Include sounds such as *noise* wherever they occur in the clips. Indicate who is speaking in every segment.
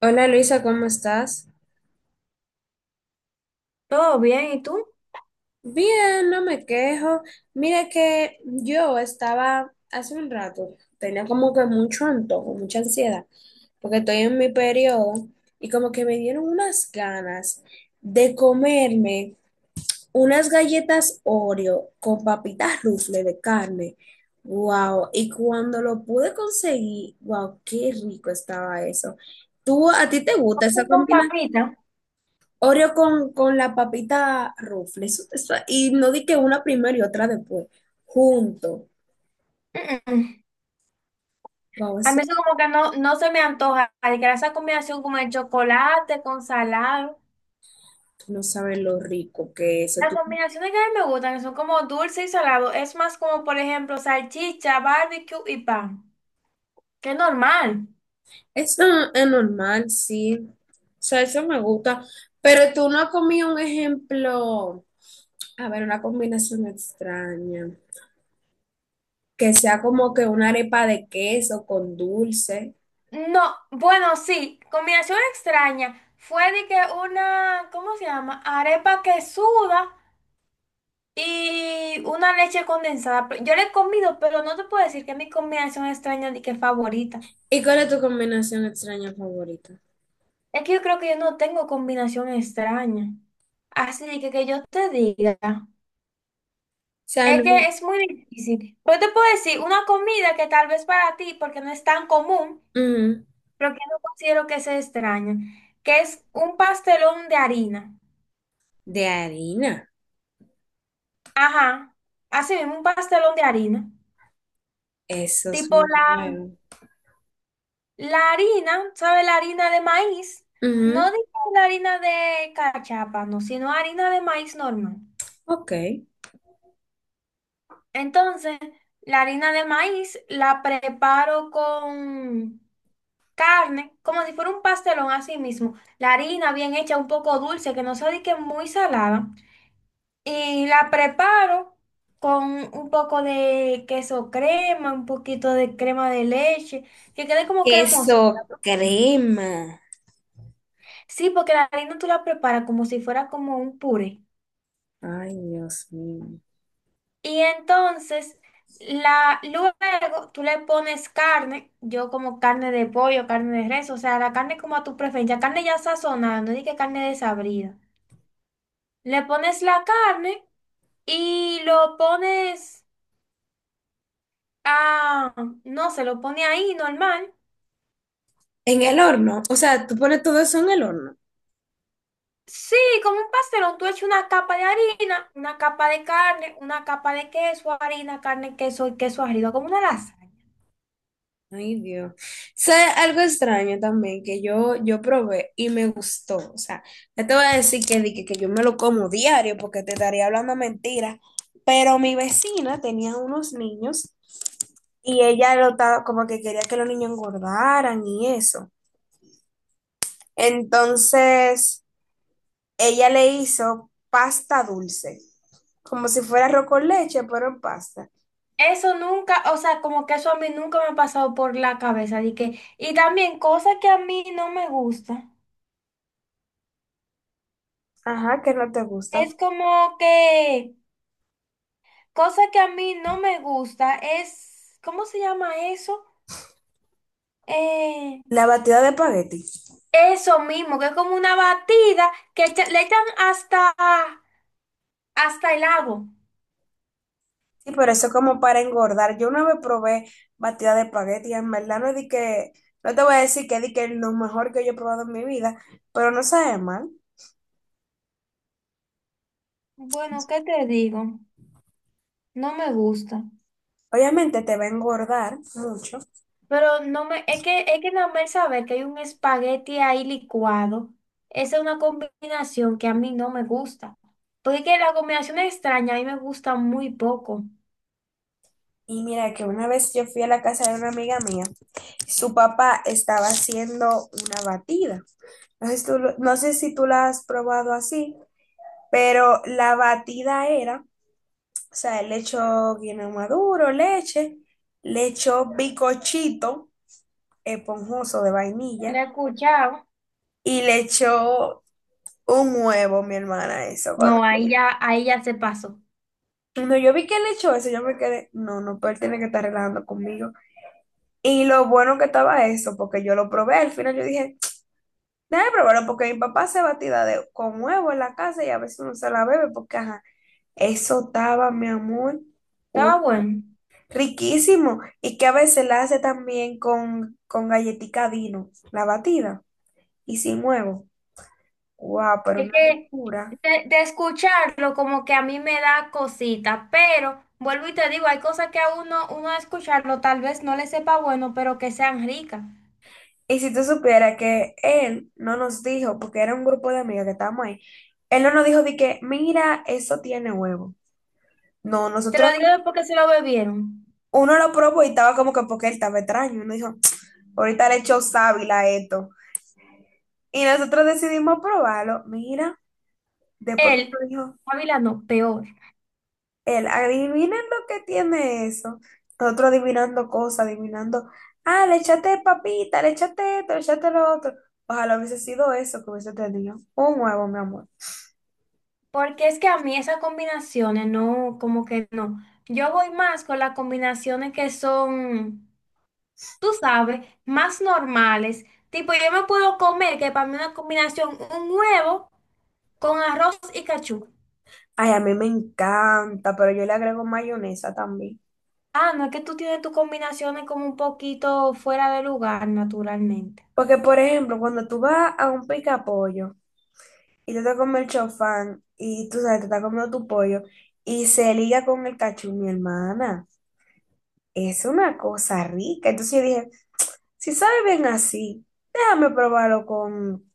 Speaker 1: Hola Luisa, ¿cómo estás?
Speaker 2: Todo bien, ¿y tú?
Speaker 1: Bien, no me quejo. Mira que yo estaba hace un rato, tenía como que mucho antojo, mucha ansiedad, porque estoy en mi periodo y como que me dieron unas ganas de comerme unas galletas Oreo con papitas rufle de carne. Wow, y cuando lo pude conseguir, wow, qué rico estaba eso. ¿Tú a ti te gusta
Speaker 2: Pollo
Speaker 1: esa
Speaker 2: con
Speaker 1: combinación?
Speaker 2: papita.
Speaker 1: Oreo con la papita Ruffles. Eso- Y no di que una primero y otra después. Junto.
Speaker 2: *clears throat* Mm-mm.
Speaker 1: Wow,
Speaker 2: A
Speaker 1: eso
Speaker 2: mí eso como que no se me antoja. Ay, que esa combinación como el chocolate con salado.
Speaker 1: tú no sabes lo rico que es.
Speaker 2: Las
Speaker 1: Tú-
Speaker 2: combinaciones que a mí me gustan, que son como dulce y salado, es más como, por ejemplo, salchicha, barbecue y pan. Que es normal.
Speaker 1: eso es normal, sí. O sea, eso me gusta. Pero tú no has comido un ejemplo. A ver, una combinación extraña. Que sea como que una arepa de queso con dulce.
Speaker 2: No, bueno, sí, combinación extraña. Fue de que una, ¿cómo se llama? Arepa que suda y una leche condensada. Pero yo la he comido, pero no te puedo decir que es mi combinación extraña de que favorita.
Speaker 1: ¿Y cuál es tu combinación extraña favorita? O
Speaker 2: Es que yo creo que yo no tengo combinación extraña. Así que yo te diga.
Speaker 1: sea, no-
Speaker 2: Es que es muy difícil. Pero te puedo decir una comida que tal vez para ti, porque no es tan común,
Speaker 1: ujú.
Speaker 2: pero que no considero que sea extraña, que es un pastelón de harina.
Speaker 1: De harina.
Speaker 2: Ajá, así mismo, un pastelón de harina.
Speaker 1: Eso es
Speaker 2: Tipo
Speaker 1: muy
Speaker 2: la,
Speaker 1: bueno.
Speaker 2: la harina, ¿sabes? La harina de maíz. No
Speaker 1: Ujú.
Speaker 2: digo la harina de cachapa, no, sino harina de maíz normal.
Speaker 1: Ok.
Speaker 2: Entonces, la harina de maíz la preparo con carne, como si fuera un pastelón así mismo. La harina bien hecha, un poco dulce, que no se dique muy salada. Y la preparo con un poco de queso crema, un poquito de crema de leche, que quede como cremosa.
Speaker 1: Queso crema.
Speaker 2: Sí, porque la harina tú la preparas como si fuera como un puré.
Speaker 1: Ay, Dios mío.
Speaker 2: Y entonces, la, luego tú le pones carne, yo como carne de pollo, carne de res, o sea, la carne como a tu preferencia, carne ya sazonada, no que carne desabrida. Le pones la carne y lo pones a, no se lo pone ahí normal.
Speaker 1: En el horno. O sea, tú pones todo eso en el horno.
Speaker 2: Sí, como un pastelón, tú echas una capa de harina, una capa de carne, una capa de queso, harina, carne, queso y queso arriba, como una lasaña.
Speaker 1: Ay, Dios. ¿Sé algo extraño también que yo probé y me gustó? O sea, no te voy a decir que, di que yo me lo como diario porque te estaría hablando mentira, pero mi vecina tenía unos niños y ella lo estaba como que quería que los niños engordaran y eso. Entonces, ella le hizo pasta dulce. Como si fuera arroz con leche, pero en pasta.
Speaker 2: Eso nunca, o sea, como que eso a mí nunca me ha pasado por la cabeza. De que, y también cosas que a mí no me gusta.
Speaker 1: Ajá, que no te gusta.
Speaker 2: Es como que, cosa que a mí no me gusta es, ¿cómo se llama eso? Eh,
Speaker 1: La batida de espagueti.
Speaker 2: eso mismo, que es como una batida que le echan hasta, hasta el agua.
Speaker 1: Sí, pero eso es como para engordar. Yo una vez probé batida de espagueti, y en verdad no di que, no te voy a decir que di que es lo mejor que yo he probado en mi vida, pero no sabe mal.
Speaker 2: Bueno, ¿qué te digo? No me gusta.
Speaker 1: Obviamente te va a engordar mucho.
Speaker 2: Pero no me, es que nada más saber que hay un espagueti ahí licuado, esa es una combinación que a mí no me gusta. Porque es que la combinación extraña a mí me gusta muy poco.
Speaker 1: Y mira que una vez yo fui a la casa de una amiga mía, su papá estaba haciendo una batida. No sé si tú lo- no sé si tú la has probado así, pero la batida era. O sea, él le echó guineo maduro, leche, le echó bicochito esponjoso de
Speaker 2: ¿Lo he
Speaker 1: vainilla
Speaker 2: escuchado?
Speaker 1: y le echó un huevo, mi hermana, eso. Cuando,
Speaker 2: No, ahí ya se pasó.
Speaker 1: cuando yo vi que le echó eso, yo me quedé, no, no, pero él tiene que estar relajando conmigo. Y lo bueno que estaba eso, porque yo lo probé, al final yo dije, déjame probarlo, porque mi papá hace batida de, con huevo en la casa y a veces uno se la bebe, porque ajá, eso estaba, mi amor,
Speaker 2: Estaba
Speaker 1: un.
Speaker 2: bueno.
Speaker 1: Riquísimo. Y que a veces la hace también con galletica Dino, la batida, y sin huevo. Wow, pero
Speaker 2: Es
Speaker 1: una
Speaker 2: que
Speaker 1: locura.
Speaker 2: de escucharlo como que a mí me da cosita, pero vuelvo y te digo, hay cosas que a uno, uno a escucharlo tal vez no le sepa bueno, pero que sean ricas.
Speaker 1: Y si tú supieras que él no nos dijo, porque era un grupo de amigas que estábamos ahí, él no nos dijo de que, mira, eso tiene huevo. No,
Speaker 2: Te
Speaker 1: nosotros,
Speaker 2: lo digo porque se lo bebieron.
Speaker 1: uno lo probó y estaba como que porque él estaba extraño. Uno dijo, ahorita le echó sábila a esto. Y nosotros decidimos probarlo. Mira, después que
Speaker 2: Él,
Speaker 1: nos dijo,
Speaker 2: Ávila no, peor.
Speaker 1: él, adivinen lo que tiene eso. Nosotros adivinando cosas, adivinando, ah, le echaste papita, le echaste esto, le echaste lo otro. Ojalá hubiese sido eso que hubiese tenido. Un huevo, mi amor.
Speaker 2: Porque es que a mí esas combinaciones no, como que no. Yo voy más con las combinaciones que son, tú sabes, más normales. Tipo, yo me puedo comer, que para mí una combinación, un huevo con arroz y cachú.
Speaker 1: Ay, a mí me encanta, pero yo le agrego mayonesa también.
Speaker 2: Ah, no, es que tú tienes tus combinaciones como un poquito fuera de lugar, naturalmente.
Speaker 1: Porque, por ejemplo, cuando tú vas a un pica pollo y te comes el chofán y tú sabes, te estás comiendo tu pollo y se liga con el cachú, mi hermana, es una cosa rica. Entonces yo dije, si sabe bien así, déjame probarlo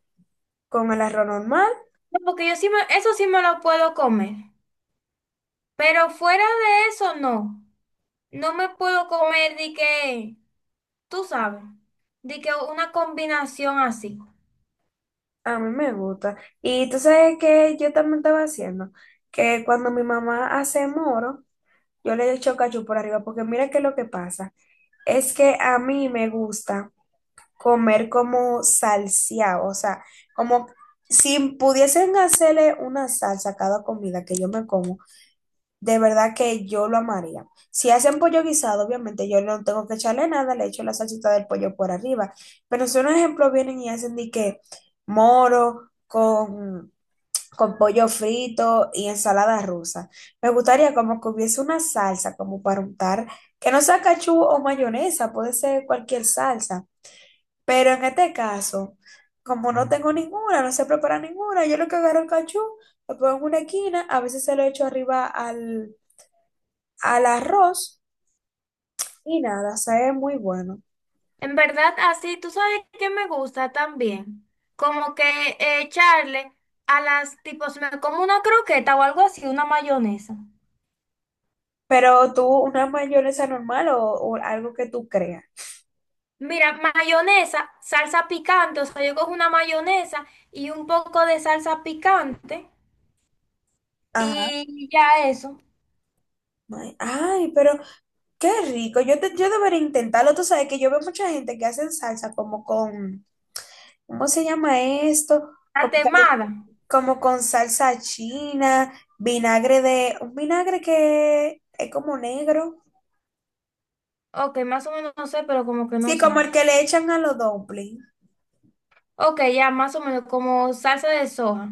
Speaker 1: con el arroz normal,
Speaker 2: No, porque yo sí me, eso sí me lo puedo comer. Pero fuera de eso, no. No me puedo comer de que, tú sabes, de que una combinación así.
Speaker 1: a mí me gusta. Y tú sabes que yo también estaba haciendo, que cuando mi mamá hace moro, yo le echo cachú por arriba, porque mira que lo que pasa es que a mí me gusta comer como salseado, o sea, como si pudiesen hacerle una salsa a cada comida que yo me como. De verdad que yo lo amaría. Si hacen pollo guisado, obviamente yo no tengo que echarle nada, le echo la salsita del pollo por arriba. Pero si un ejemplo vienen y hacen de que moro con pollo frito y ensalada rusa. Me gustaría como que hubiese una salsa como para untar, que no sea cachú o mayonesa, puede ser cualquier salsa. Pero en este caso, como no tengo ninguna, no sé preparar ninguna, yo lo que agarro el cachú, lo pongo en una esquina, a veces se lo echo arriba al al arroz y nada, sabe muy bueno.
Speaker 2: En verdad, así, tú sabes que me gusta también. Como que echarle a las, tipo, si me como una croqueta o algo así, una mayonesa.
Speaker 1: Pero tú, una mayonesa normal o algo que tú creas.
Speaker 2: Mira, mayonesa, salsa picante, o sea, yo cojo una mayonesa y un poco de salsa picante
Speaker 1: Ajá.
Speaker 2: y ya eso.
Speaker 1: Ay, ay, pero qué rico. Yo, te- yo debería intentarlo. Tú sabes que yo veo mucha gente que hacen salsa como con, ¿cómo se llama esto?
Speaker 2: La
Speaker 1: Como, que-
Speaker 2: temada.
Speaker 1: como con salsa china, vinagre de, un vinagre que es como negro.
Speaker 2: Ok, más o menos no sé, pero como que no
Speaker 1: Sí, como
Speaker 2: sé.
Speaker 1: el que le echan a los dumplings.
Speaker 2: Ok, ya más o menos como salsa de soja.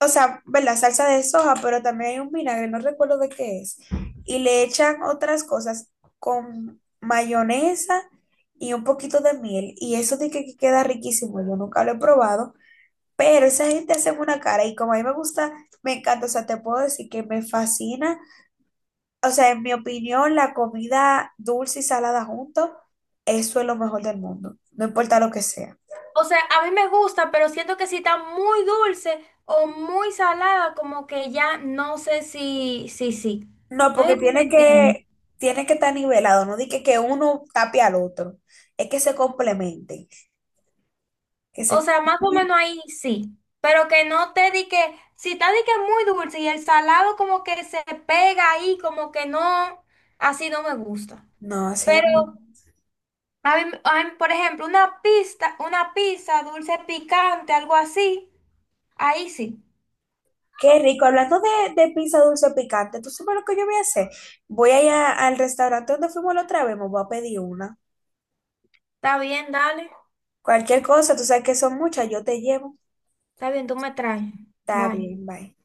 Speaker 1: O sea, ¿verdad? Salsa de soja, pero también hay un vinagre, no recuerdo de qué es. Y le echan otras cosas con mayonesa y un poquito de miel. Y eso de que queda riquísimo, yo nunca lo he probado, pero esa gente hace una cara y como a mí me gusta, me encanta, o sea, te puedo decir que me fascina. O sea, en mi opinión, la comida dulce y salada junto, eso es lo mejor del mundo, no importa lo que sea.
Speaker 2: O sea, a mí me gusta, pero siento que si está muy dulce o muy salada, como que ya no sé si, si, sí.
Speaker 1: No,
Speaker 2: No sé
Speaker 1: porque
Speaker 2: si tú me entiendes.
Speaker 1: tiene que estar nivelado, no di que uno tape al otro, es que se complementen, que
Speaker 2: O
Speaker 1: se
Speaker 2: sea, más o
Speaker 1: complementen.
Speaker 2: menos ahí sí. Pero que no te di que, si está di que muy dulce y el salado como que se pega ahí, como que no, así no me gusta.
Speaker 1: No, así es.
Speaker 2: Pero a mí, por ejemplo, una pista, una pizza dulce picante, algo así, ahí sí.
Speaker 1: Qué rico. Hablando de pizza dulce picante, ¿tú sabes lo que yo voy a hacer? Voy a ir a- al restaurante donde fuimos la otra vez, me voy a pedir una.
Speaker 2: Está bien, dale.
Speaker 1: Cualquier cosa, tú sabes que son muchas, yo te llevo.
Speaker 2: Está bien, tú me traes.
Speaker 1: Está
Speaker 2: Bye.
Speaker 1: bien, bye.